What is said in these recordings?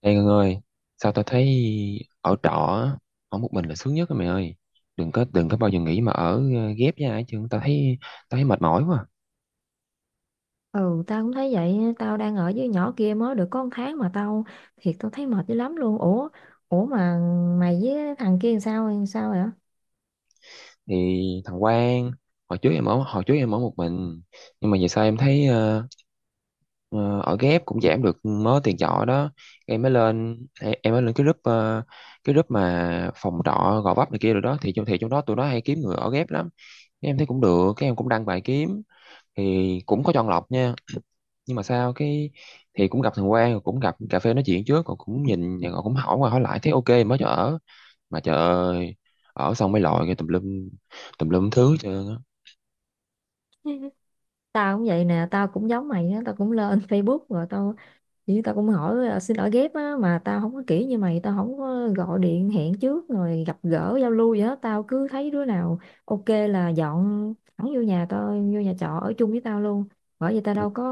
Ê Ngân ơi, sao tao thấy ở trọ á, ở một mình là sướng nhất á mày ơi. Đừng có bao giờ nghĩ mà ở ghép với ai, chứ tao thấy mệt mỏi quá. Ừ, tao cũng thấy vậy, tao đang ở với nhỏ kia mới được có 1 tháng mà tao thấy mệt dữ lắm luôn. Ủa, mày với thằng kia làm sao vậy? Thì thằng Quang, hồi trước em ở một mình, nhưng mà giờ sao em thấy ờ, ở ghép cũng giảm được mớ tiền trọ đó. Em mới lên cái cái group mà phòng trọ Gò Vấp này kia rồi đó, thì trong đó tụi nó hay kiếm người ở ghép lắm. Cái em thấy cũng được, cái em cũng đăng bài kiếm, thì cũng có chọn lọc nha, nhưng mà sao cái, thì cũng gặp thằng Quang, rồi cũng gặp cà phê nói chuyện trước, còn cũng nhìn rồi cũng hỏi qua hỏi lại thấy ok mới cho ở. Mà trời ơi, ở xong mới lòi cái tùm lum thứ hết trơn á. Tao cũng vậy nè, tao cũng giống mày á, tao cũng lên Facebook rồi tao cũng hỏi: "Ờ, xin lỗi ghép á mà tao không có kỹ như mày, tao không có gọi điện hẹn trước rồi gặp gỡ giao lưu gì hết, tao cứ thấy đứa nào ok là dọn thẳng vô nhà tao, vô nhà trọ ở chung với tao luôn. Bởi vì tao Ừ, đâu có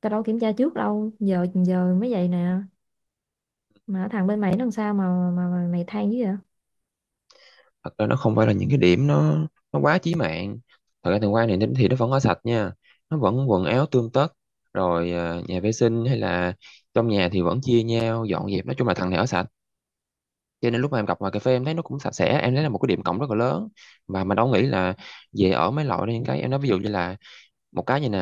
tao đâu kiểm tra trước đâu, giờ giờ mới vậy nè. Mà thằng bên mày nó làm sao mà mày than dữ vậy? thật ra nó không phải là những cái điểm nó quá chí mạng. Thật ra thằng Quang này thì nó vẫn ở sạch nha, nó vẫn quần áo tươm tất, rồi nhà vệ sinh hay là trong nhà thì vẫn chia nhau dọn dẹp. Nói chung là thằng này ở sạch, cho nên lúc mà em gặp ngoài cà phê em thấy nó cũng sạch sẽ, em thấy là một cái điểm cộng rất là lớn. Và mình đâu nghĩ là về ở mấy loại đó. Những cái em nói, ví dụ như là một cái như nè,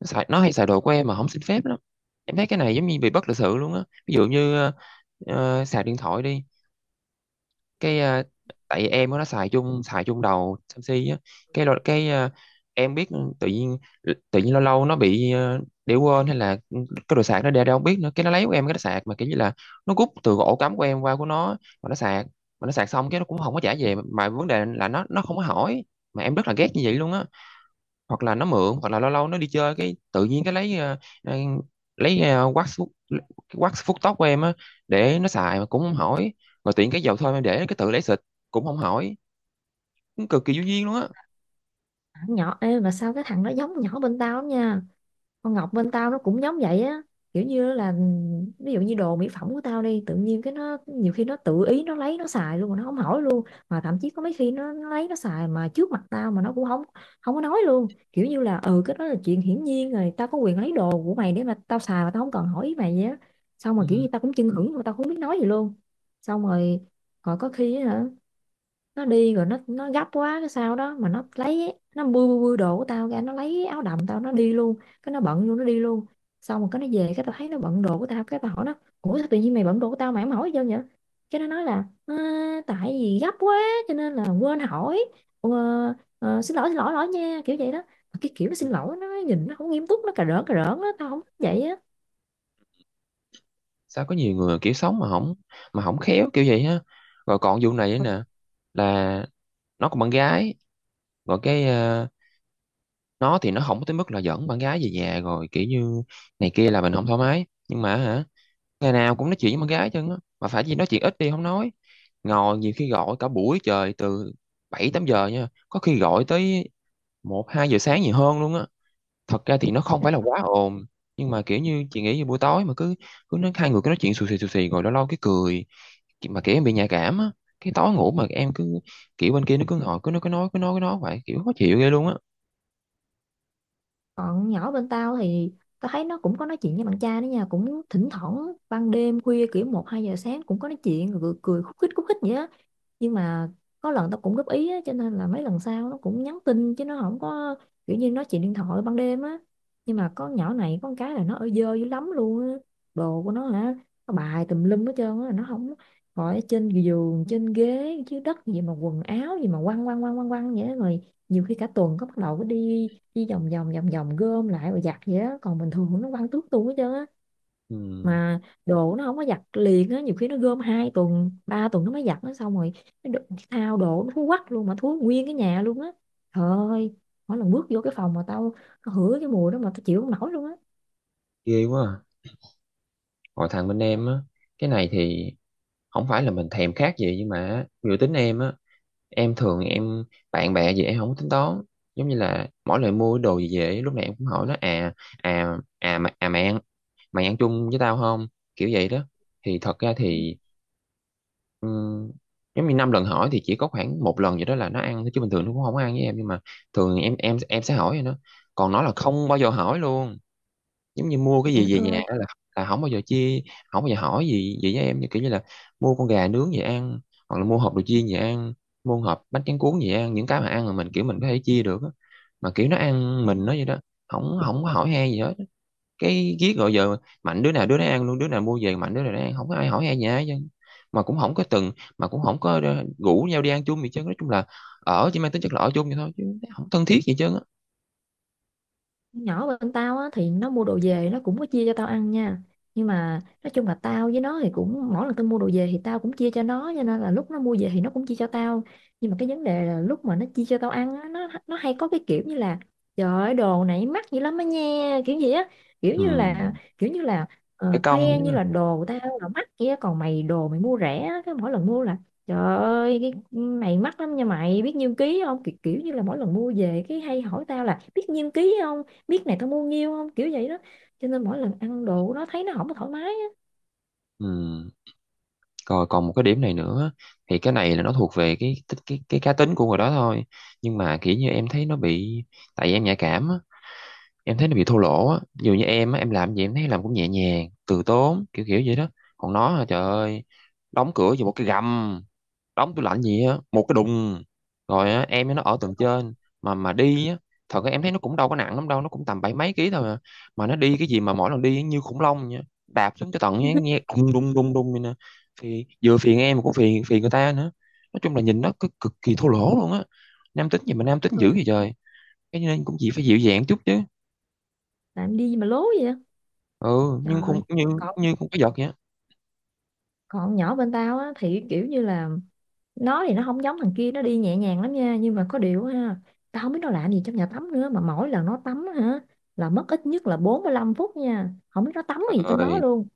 nó hay xài đồ của em mà không xin phép lắm, em thấy cái này giống như bị bất lịch sự luôn á. Ví dụ như xài điện thoại đi, cái tại em nó xài chung đầu Samsung á. Cái lo- cái ờ, em biết, tự nhiên lâu lâu nó bị để quên hay là cái đồ sạc nó để đâu không biết nữa, cái nó lấy của em, cái nó sạc mà kiểu như là nó rút từ ổ cắm của em qua của nó mà nó sạc mà nó sạc xong cái nó cũng không có trả về, mà vấn đề là nó không có hỏi, mà em rất là ghét như vậy luôn á. Hoặc là nó mượn, hoặc là lâu lâu nó đi chơi cái tự nhiên cái lấy ờ, lấy ờ, wax phút cái wax phút tóc của em á để nó xài mà cũng không hỏi. Rồi tiện cái dầu thơm em để, cái tự lấy xịt cũng không hỏi, cũng cực kỳ vô duyên luôn á. Thằng nhỏ ê, mà sao cái thằng nó giống nhỏ bên tao lắm nha, con Ngọc bên tao nó cũng giống vậy á. Kiểu như là ví dụ như đồ mỹ phẩm của tao đi, tự nhiên cái nó nhiều khi nó tự ý nó lấy nó xài luôn mà nó không hỏi luôn, mà thậm chí có mấy khi nó lấy nó xài mà trước mặt tao mà nó cũng không không có nói luôn, kiểu như là ừ, cái đó là chuyện hiển nhiên rồi, tao có quyền lấy đồ của mày để mà tao xài mà tao không cần hỏi ý mày vậy á. Xong mà kiểu như Ừ. tao cũng chưng hửng mà tao không biết nói gì luôn. Xong rồi còn có khi á hả, nó đi rồi, nó gấp quá cái sao đó mà nó lấy, nó bươi bươi bươi đồ của tao ra, nó lấy áo đầm tao nó đi luôn, cái nó bận luôn nó đi luôn. Xong rồi cái nó về, cái tao thấy nó bận đồ của tao, cái tao hỏi nó: Ủa, sao tự nhiên mày bận đồ của tao mà em hỏi chưa vậy? Cái nó nói là: "Ờ, tại vì gấp quá cho nên là quên hỏi. Ờ, Xin lỗi xin lỗi lỗi nha", kiểu vậy đó. Mà cái kiểu nó Ừ. xin lỗi, nó nhìn nó không nghiêm túc, nó cà rỡn á, tao không thích vậy Sao có nhiều người kiểu sống mà không, không khéo kiểu vậy á. Rồi còn vụ này nữa nè, là nó còn bạn gái. Rồi cái nó thì nó không tới mức là dẫn bạn gái về nhà rồi kiểu như này kia là mình không thoải mái. Nhưng mà hả, ngày nào cũng nói chuyện với con gái chân á, mà phải gì nói chuyện ít đi không, nói ngồi nhiều khi gọi cả buổi trời, từ 7, 8 giờ nha, có khi gọi tới 1, 2 giờ sáng gì hơn luôn á. Thật ra thì nó không phải là á. quá ồn, nhưng mà kiểu như chị nghĩ về buổi tối mà cứ cứ nói, hai người cứ nói chuyện xù xì rồi lâu lâu cái cười. Mà kiểu em bị nhạy cảm á, cái tối ngủ mà em cứ kiểu bên kia nó cứ ngồi cứ nói cứ nói cứ nói vậy, kiểu khó chịu ghê luôn á. Còn nhỏ bên tao thì tao thấy nó cũng có nói chuyện với bạn trai đó nha, cũng thỉnh thoảng ban đêm khuya kiểu một hai giờ sáng cũng có nói chuyện rồi cười khúc khích vậy á. Nhưng mà có lần tao cũng góp ý á, cho nên là mấy lần sau nó cũng nhắn tin chứ nó không có kiểu như nói chuyện điện thoại ban đêm á. Nhưng mà con nhỏ này có một cái là nó ở dơ dữ lắm luôn á. Đồ của nó hả, nó bài tùm lum hết trơn á, nó không khỏi ở trên giường, trên ghế, dưới đất gì mà quần áo gì mà quăng quăng quăng quăng quăng vậy á. Rồi nhiều khi cả tuần có bắt đầu có đi chỉ vòng vòng vòng vòng gom lại rồi giặt vậy á, còn bình thường nó quăng tước tung hết trơn á. Ừ, Mà đồ nó không có giặt liền á, nhiều khi nó gom 2 tuần 3 tuần nó mới giặt nó. Xong rồi nó đ- thao đồ nó thúi quắc luôn, mà thúi nguyên cái nhà luôn á. Trời ơi, mỗi lần bước vô cái phòng mà tao tao hửi cái mùi đó mà tao chịu không nổi luôn á. ghê quá à. Còn thằng bên em á, cái này thì không phải là mình thèm khát gì, nhưng mà dự tính em á, em thường em bạn bè gì em không có tính toán, giống như là mỗi lần mua đồ gì về lúc này em cũng hỏi nó à, à à mà à mày ăn chung với tao không kiểu vậy đó. Thì thật ra Ừ, thì ừm, giống như năm lần hỏi thì chỉ có khoảng một lần vậy đó là nó ăn thôi, chứ bình thường nó cũng không ăn với em. Nhưng mà thường em sẽ hỏi rồi nó. Còn nó là không bao giờ hỏi luôn, giống như mua cái trời gì về đất ơi. nhà đó là, không bao giờ chia, không bao giờ hỏi gì gì với em, như kiểu như là mua con gà nướng về ăn, hoặc là mua hộp đồ chiên về ăn, mua hộp bánh tráng cuốn về ăn, những cái mà ăn là mình kiểu mình có thể chia được á. Mà kiểu nó ăn mình nó vậy đó, không không có hỏi han gì hết, cái ghét gọi giờ mạnh đứa nào đứa nấy ăn luôn, đứa nào mua về mạnh đứa nào nó ăn, không có ai hỏi han gì hết chứ. mà cũng không có từng mà cũng không có rủ nhau đi ăn chung gì chứ, nói chung là ở chỉ mang tính chất là ở chung vậy thôi chứ không thân thiết gì chứ á. Con nhỏ bên tao á thì nó mua đồ về nó cũng có chia cho tao ăn nha, nhưng mà nói chung là tao với nó thì cũng mỗi lần tao mua đồ về thì tao cũng chia cho nó, cho nên là lúc nó mua về thì nó cũng chia cho tao. Nhưng mà cái vấn đề là lúc mà nó chia cho tao ăn á, nó hay có cái kiểu như là trời ơi đồ này mắc dữ lắm á nha, kiểu gì á. kiểu Ừ, như là kiểu như là cái công khoe như nữa. là đồ của tao là mắc kia, còn mày đồ mày mua rẻ á. Cái mỗi lần mua là trời ơi, cái này mắc lắm nha, mày biết nhiêu ký không, kiểu như là mỗi lần mua về cái hay hỏi tao là biết nhiêu ký không, biết này tao mua nhiêu không, kiểu vậy đó. Cho nên mỗi lần ăn đồ của nó thấy nó không có thoải mái á. Ừ. Rồi còn một cái điểm này nữa, thì cái này là nó thuộc về cái cá tính của người đó thôi. Nhưng mà kiểu như em thấy nó bị, tại vì em nhạy cảm á, em thấy nó bị thô lỗ á. Dù như em á, em làm gì em thấy làm cũng nhẹ nhàng, từ tốn, kiểu kiểu vậy đó. Còn nó hả, trời ơi, đóng cửa vô một cái gầm, đóng tủ lạnh gì á một cái đùng. Rồi á, em với nó ở tầng trên, mà đi á, thật ra em thấy nó cũng đâu có nặng lắm đâu, nó cũng tầm bảy mấy ký thôi à. Mà nó đi cái gì mà mỗi lần đi như khủng long nha, đạp xuống cho tận nghe, nghe đùng đùng đùng đùng vậy nè, thì vừa phiền em mà cũng phiền phiền người ta nữa. Nói chung là nhìn nó cực kỳ thô lỗ luôn á, nam tính gì mà nam tính Ừ. dữ vậy trời. Cái nên cũng chỉ phải dịu dàng chút chứ. Làm đi mà lố vậy á. Ừ. nhưng không Trời, nhưng còn nhưng không có giật vậy á. còn nhỏ bên tao á thì kiểu như là nó thì nó không giống thằng kia, nó đi nhẹ nhàng lắm nha, nhưng mà có điều á ha, tao không biết nó làm gì trong nhà tắm nữa mà mỗi lần nó tắm á hả là mất ít nhất là 45 phút nha, không biết nó tắm Trời gì trong đó ơi, luôn.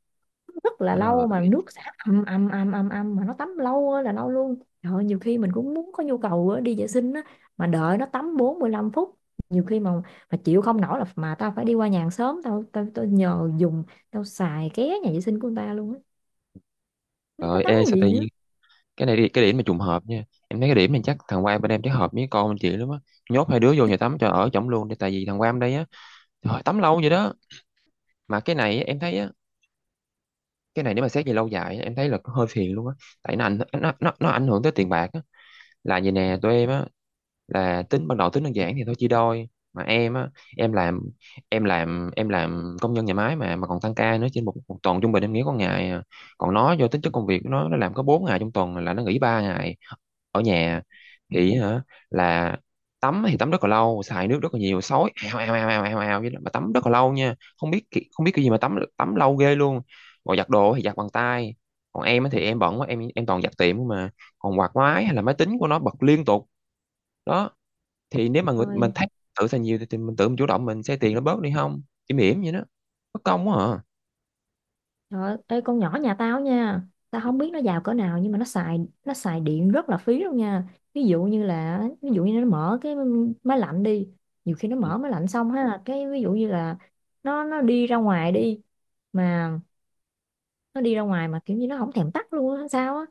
Rất là trời lâu mà ơi, nước xả ầm ầm ầm ầm ầm, mà nó tắm lâu ơi là lâu luôn. Trời ơi, nhiều khi mình cũng muốn có nhu cầu á, đi vệ sinh á, mà đợi nó tắm 45 phút, nhiều khi mà chịu không nổi là mà tao phải đi qua nhà hàng xóm, tao tao tao nhờ dùng, tao xài ké nhà vệ sinh của người ta luôn á, biết nó trời. tắm Ê, cái sao tự gì nữa. nhiên cái này, đi cái điểm mà trùng hợp nha, em thấy cái điểm này chắc thằng Quang bên em chắc hợp với con bên chị lắm á, nhốt hai đứa vô nhà tắm cho ở chổng luôn đi. Tại vì thằng Quang đây á, trời ơi, tắm lâu vậy đó. Mà cái này em thấy á, cái này nếu mà xét về lâu dài á, em thấy là có hơi phiền luôn á, tại nó ảnh hưởng tới tiền bạc á. Là vậy nè, tụi em á, là tính ban đầu tính đơn giản thì thôi chia đôi. Mà em á, em làm em làm công nhân nhà máy mà, còn tăng ca nữa, trên một tuần trung bình em nghỉ có ngày à. Còn nó do tính chất công việc của nó làm có 4 ngày trong tuần là nó nghỉ 3 ngày ở nhà, thì hả, là tắm thì tắm rất là lâu, xài nước rất là nhiều, sói ào ào ào ào ào ào vậy đó. Mà tắm rất là lâu nha, không biết không biết cái gì mà tắm tắm lâu ghê luôn. Còn giặt đồ thì giặt bằng tay, còn em á thì em bận quá, em toàn giặt tiệm mà. Còn quạt máy hay là máy tính của nó bật liên tục đó, thì nếu mà người, mình Rồi. thấy tự xài nhiều thì, mình tự mình chủ động mình xe tiền nó bớt đi không chỉ mỉm vậy đó, bất công quá à. Trời ơi, ê, con nhỏ nhà tao nha, tao không biết nó giàu cỡ nào nhưng mà nó xài điện rất là phí luôn nha. Ví dụ như nó mở cái máy lạnh đi, nhiều khi nó Ừ. mở máy lạnh xong ha, cái ví dụ như là nó đi ra ngoài đi, mà nó đi ra ngoài mà kiểu như nó không thèm tắt luôn á sao á.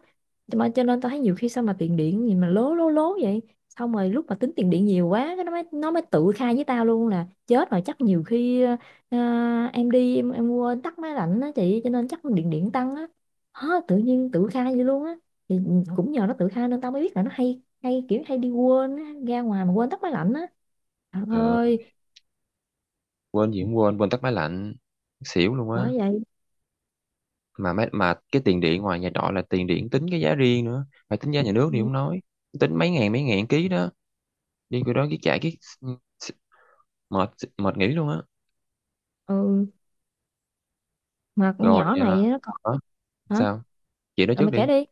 Cho nên tao thấy nhiều khi sao mà tiền điện gì mà lố lố lố vậy. Xong rồi lúc mà tính tiền điện nhiều quá, cái nó mới tự khai với tao luôn là chết rồi, chắc nhiều khi ờ, em đi em quên tắt máy lạnh á chị, cho nên chắc điện điện tăng á, hả, tự nhiên tự khai vậy luôn á. Thì ừ, cũng nhờ nó tự khai nên tao mới biết là nó hay hay kiểu hay đi quên á, ra ngoài mà quên tắt máy lạnh á. Trời Ờ, ơi, Quên gì cũng quên quên tắt máy lạnh, xỉu luôn á. bởi vậy. Mà cái tiền điện ngoài nhà trọ là tiền điện tính cái giá riêng nữa, phải tính giá nhà nước Ừ, thì không nói, tính mấy ngàn ký đó, đi cái đó cái chạy cái mệt, mệt nghỉ luôn á. ừ, mà con Rồi nhỏ à, này nó còn đó, hả? sao? Chị nói Rồi trước mày kể đi. đi.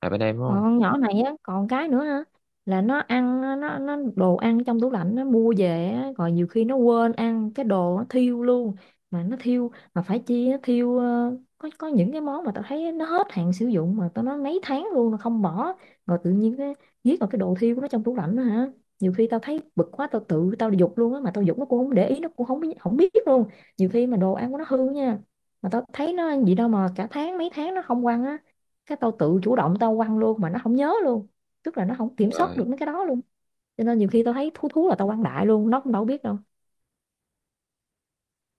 À bên em đúng Còn không. con nhỏ này á còn cái nữa ha, là nó ăn á, nó đồ ăn trong tủ lạnh nó mua về á, rồi nhiều khi nó quên ăn cái đồ nó thiêu luôn. Mà nó thiêu, mà phải chi nó thiêu, có những cái món mà tao thấy nó hết hạn sử dụng mà tao nói mấy tháng luôn nó không bỏ, rồi tự nhiên cái giết vào cái đồ thiêu của nó trong tủ lạnh đó hả. Nhiều khi tao thấy bực quá, tao tự tao giục luôn á, mà tao giục nó cũng không để ý, nó cũng không biết luôn. Nhiều khi mà đồ ăn của nó hư nha, mà tao thấy nó ăn gì đâu mà cả tháng mấy tháng nó không quăng á, cái tao tự chủ động tao quăng luôn mà nó không nhớ luôn, tức là nó không kiểm soát Rồi được mấy cái đó luôn. Cho nên nhiều khi tao thấy thú thú là tao quăng đại luôn, nó cũng đâu biết đâu.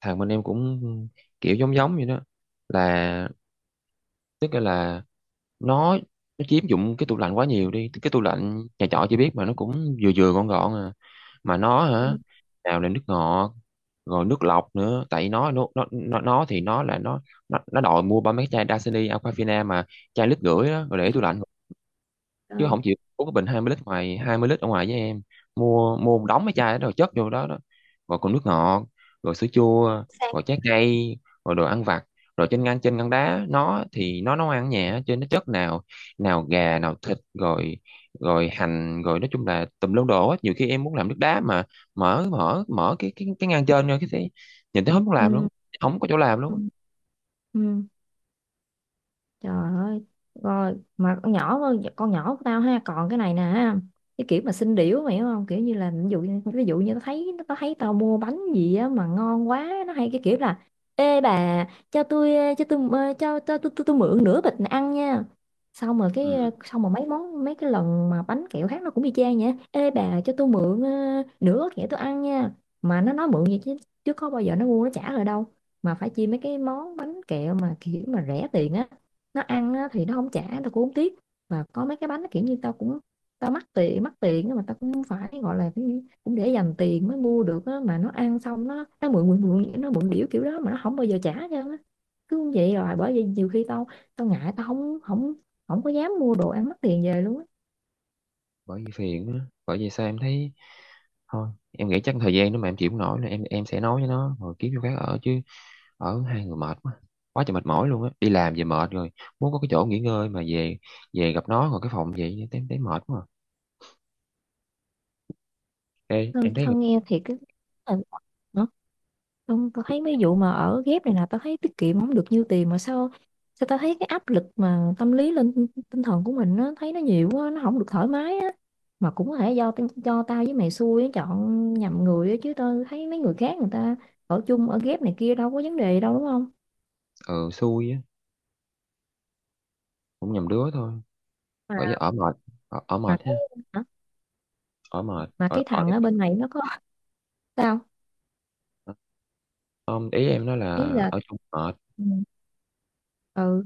thằng bên em cũng kiểu giống giống vậy đó, là, tức là, nó nó chiếm dụng cái tủ lạnh quá nhiều đi. Cái tủ lạnh nhà trọ chị biết mà, nó cũng vừa vừa gọn gọn à. Mà nó hả, Ừ. nào là nước ngọt, rồi nước lọc nữa, tại nó, nó đòi mua ba mấy chai Dasani Aquafina mà chai lít rưỡi đó rồi để tủ lạnh, chứ Rồi. không chịu uống cái bình 20 lít, ngoài 20 lít ở ngoài với em. Mua Mua một đống mấy chai đó rồi chất vô đó đó, rồi còn nước ngọt, rồi sữa chua, Sang. rồi trái cây, rồi đồ ăn vặt. Rồi trên ngăn đá nó thì nó nấu ăn ở nhà trên nó chất nào nào gà nào thịt, rồi rồi hành, rồi nói chung là tùm lum đồ hết. Nhiều khi em muốn làm nước đá mà mở mở mở cái ngăn trên, rồi cái thấy, nhìn thấy không muốn làm luôn, Ừ. không có chỗ làm luôn Ừ. á. Ừ. Trời ơi, rồi mà con nhỏ của tao ha, còn cái này nè, ha, cái kiểu mà xinh điểu mày hiểu không? Kiểu như là ví dụ như nó thấy tao mua bánh gì á mà ngon quá, nó hay cái kiểu là ê bà, cho tôi ờ, cho tôi ờ, cho tôi mượn nửa bịch này ăn nha. Xong rồi cái Ừ. Xong rồi mấy món, mấy cái lần mà bánh kẹo khác nó cũng y chang vậy. Ê bà, cho tôi mượn nửa gói kẹo tôi ăn nha. Mà nó nói mượn vậy chứ chứ có bao giờ nó mua nó trả rồi đâu. Mà phải chi mấy cái món bánh kẹo mà kiểu mà rẻ tiền á, nó ăn á thì nó không trả tao cũng không tiếc. Và có mấy cái bánh nó kiểu như tao mắc tiền nhưng mà tao cũng phải gọi là cái gì, cũng để dành tiền mới mua được á, mà nó ăn xong nó mượn điểu kiểu đó mà nó không bao giờ trả cho nó, cứ như vậy. Rồi bởi vậy nhiều khi tao tao ngại, tao không không không có dám mua đồ ăn mắc tiền về luôn á. Bởi vì phiền á. Bởi vì sao em thấy, thôi em nghĩ chắc thời gian nếu mà em chịu không nổi nữa em sẽ nói với nó rồi kiếm chỗ khác ở chứ, ở hai người mệt quá, quá trời mệt mỏi luôn á. Đi làm về mệt rồi muốn có cái chỗ nghỉ ngơi, mà về về gặp nó rồi cái phòng vậy em thấy mệt quá à. Ê, em thân, thấy người. thân nghe thiệt cái ờ, không, tao thấy mấy vụ mà ở ghép này nè tao thấy tiết kiệm không được nhiêu tiền mà sao sao tao thấy cái áp lực mà tâm lý lên tinh tinh thần của mình nó thấy nó nhiều quá, nó không được thoải mái á. Mà cũng có thể do do tao với mày xui á, chọn nhầm người á, chứ tao thấy mấy người khác người ta ở chung ở ghép này kia đâu có vấn đề đâu, đúng không? Ừ, xui á, cũng nhầm đứa thôi. ở mà ở mệt, ở mà mệt cái ha, hả? ở mệt Mà ở cái ở thằng ở bên này nó có sao, không, ý em nói là ý là ở chung mệt. ừ, ừ,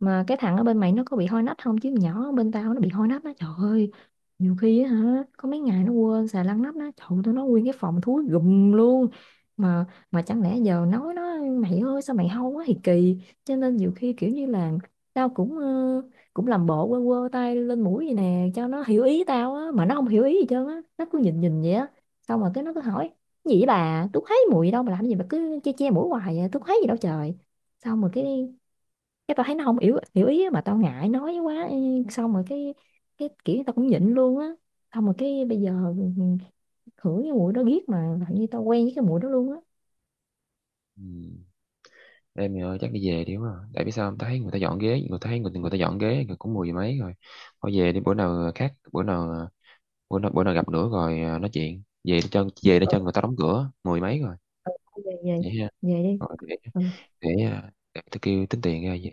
mà cái thằng ở bên mày nó có bị hôi nách không? Chứ nhỏ bên tao nó bị hôi nách đó trời ơi, nhiều khi á hả có mấy ngày nó quên xài lăn nắp đó, trời ơi, tụi nó nguyên cái phòng thúi gùm luôn. Mà chẳng lẽ giờ nói nó mày ơi sao mày hôi quá thì kỳ, cho nên nhiều khi kiểu như là tao cũng cũng làm bộ quơ quơ tay lên mũi vậy nè cho nó hiểu ý tao á, mà nó không hiểu ý gì trơn á, nó cứ nhìn nhìn vậy á. Xong rồi cái nó cứ hỏi gì vậy bà, tôi thấy mùi đâu mà làm gì mà cứ che che mũi hoài vậy? Tôi thấy gì đâu trời. Xong rồi cái tao thấy nó không hiểu hiểu ý á, mà tao ngại nói quá. Xong rồi cái kiểu tao cũng nhịn luôn á. Xong rồi cái bây giờ khử cái mùi đó ghét, mà làm như tao quen với cái mùi đó luôn á. Ừ. Em thì, chắc đi về đi quá à. Tại vì sao không? Ta thấy người ta dọn ghế, người ta dọn ghế người cũng mười giờ mấy rồi. Thôi về đi, bữa nào khác bữa nào à, bữa nào gặp nữa rồi, à, nói chuyện về nó chân, người ta đóng cửa mười mấy rồi. Thôi về về Vậy ha, về đi. rồi để, Ừ. Để tôi kêu tính tiền ra.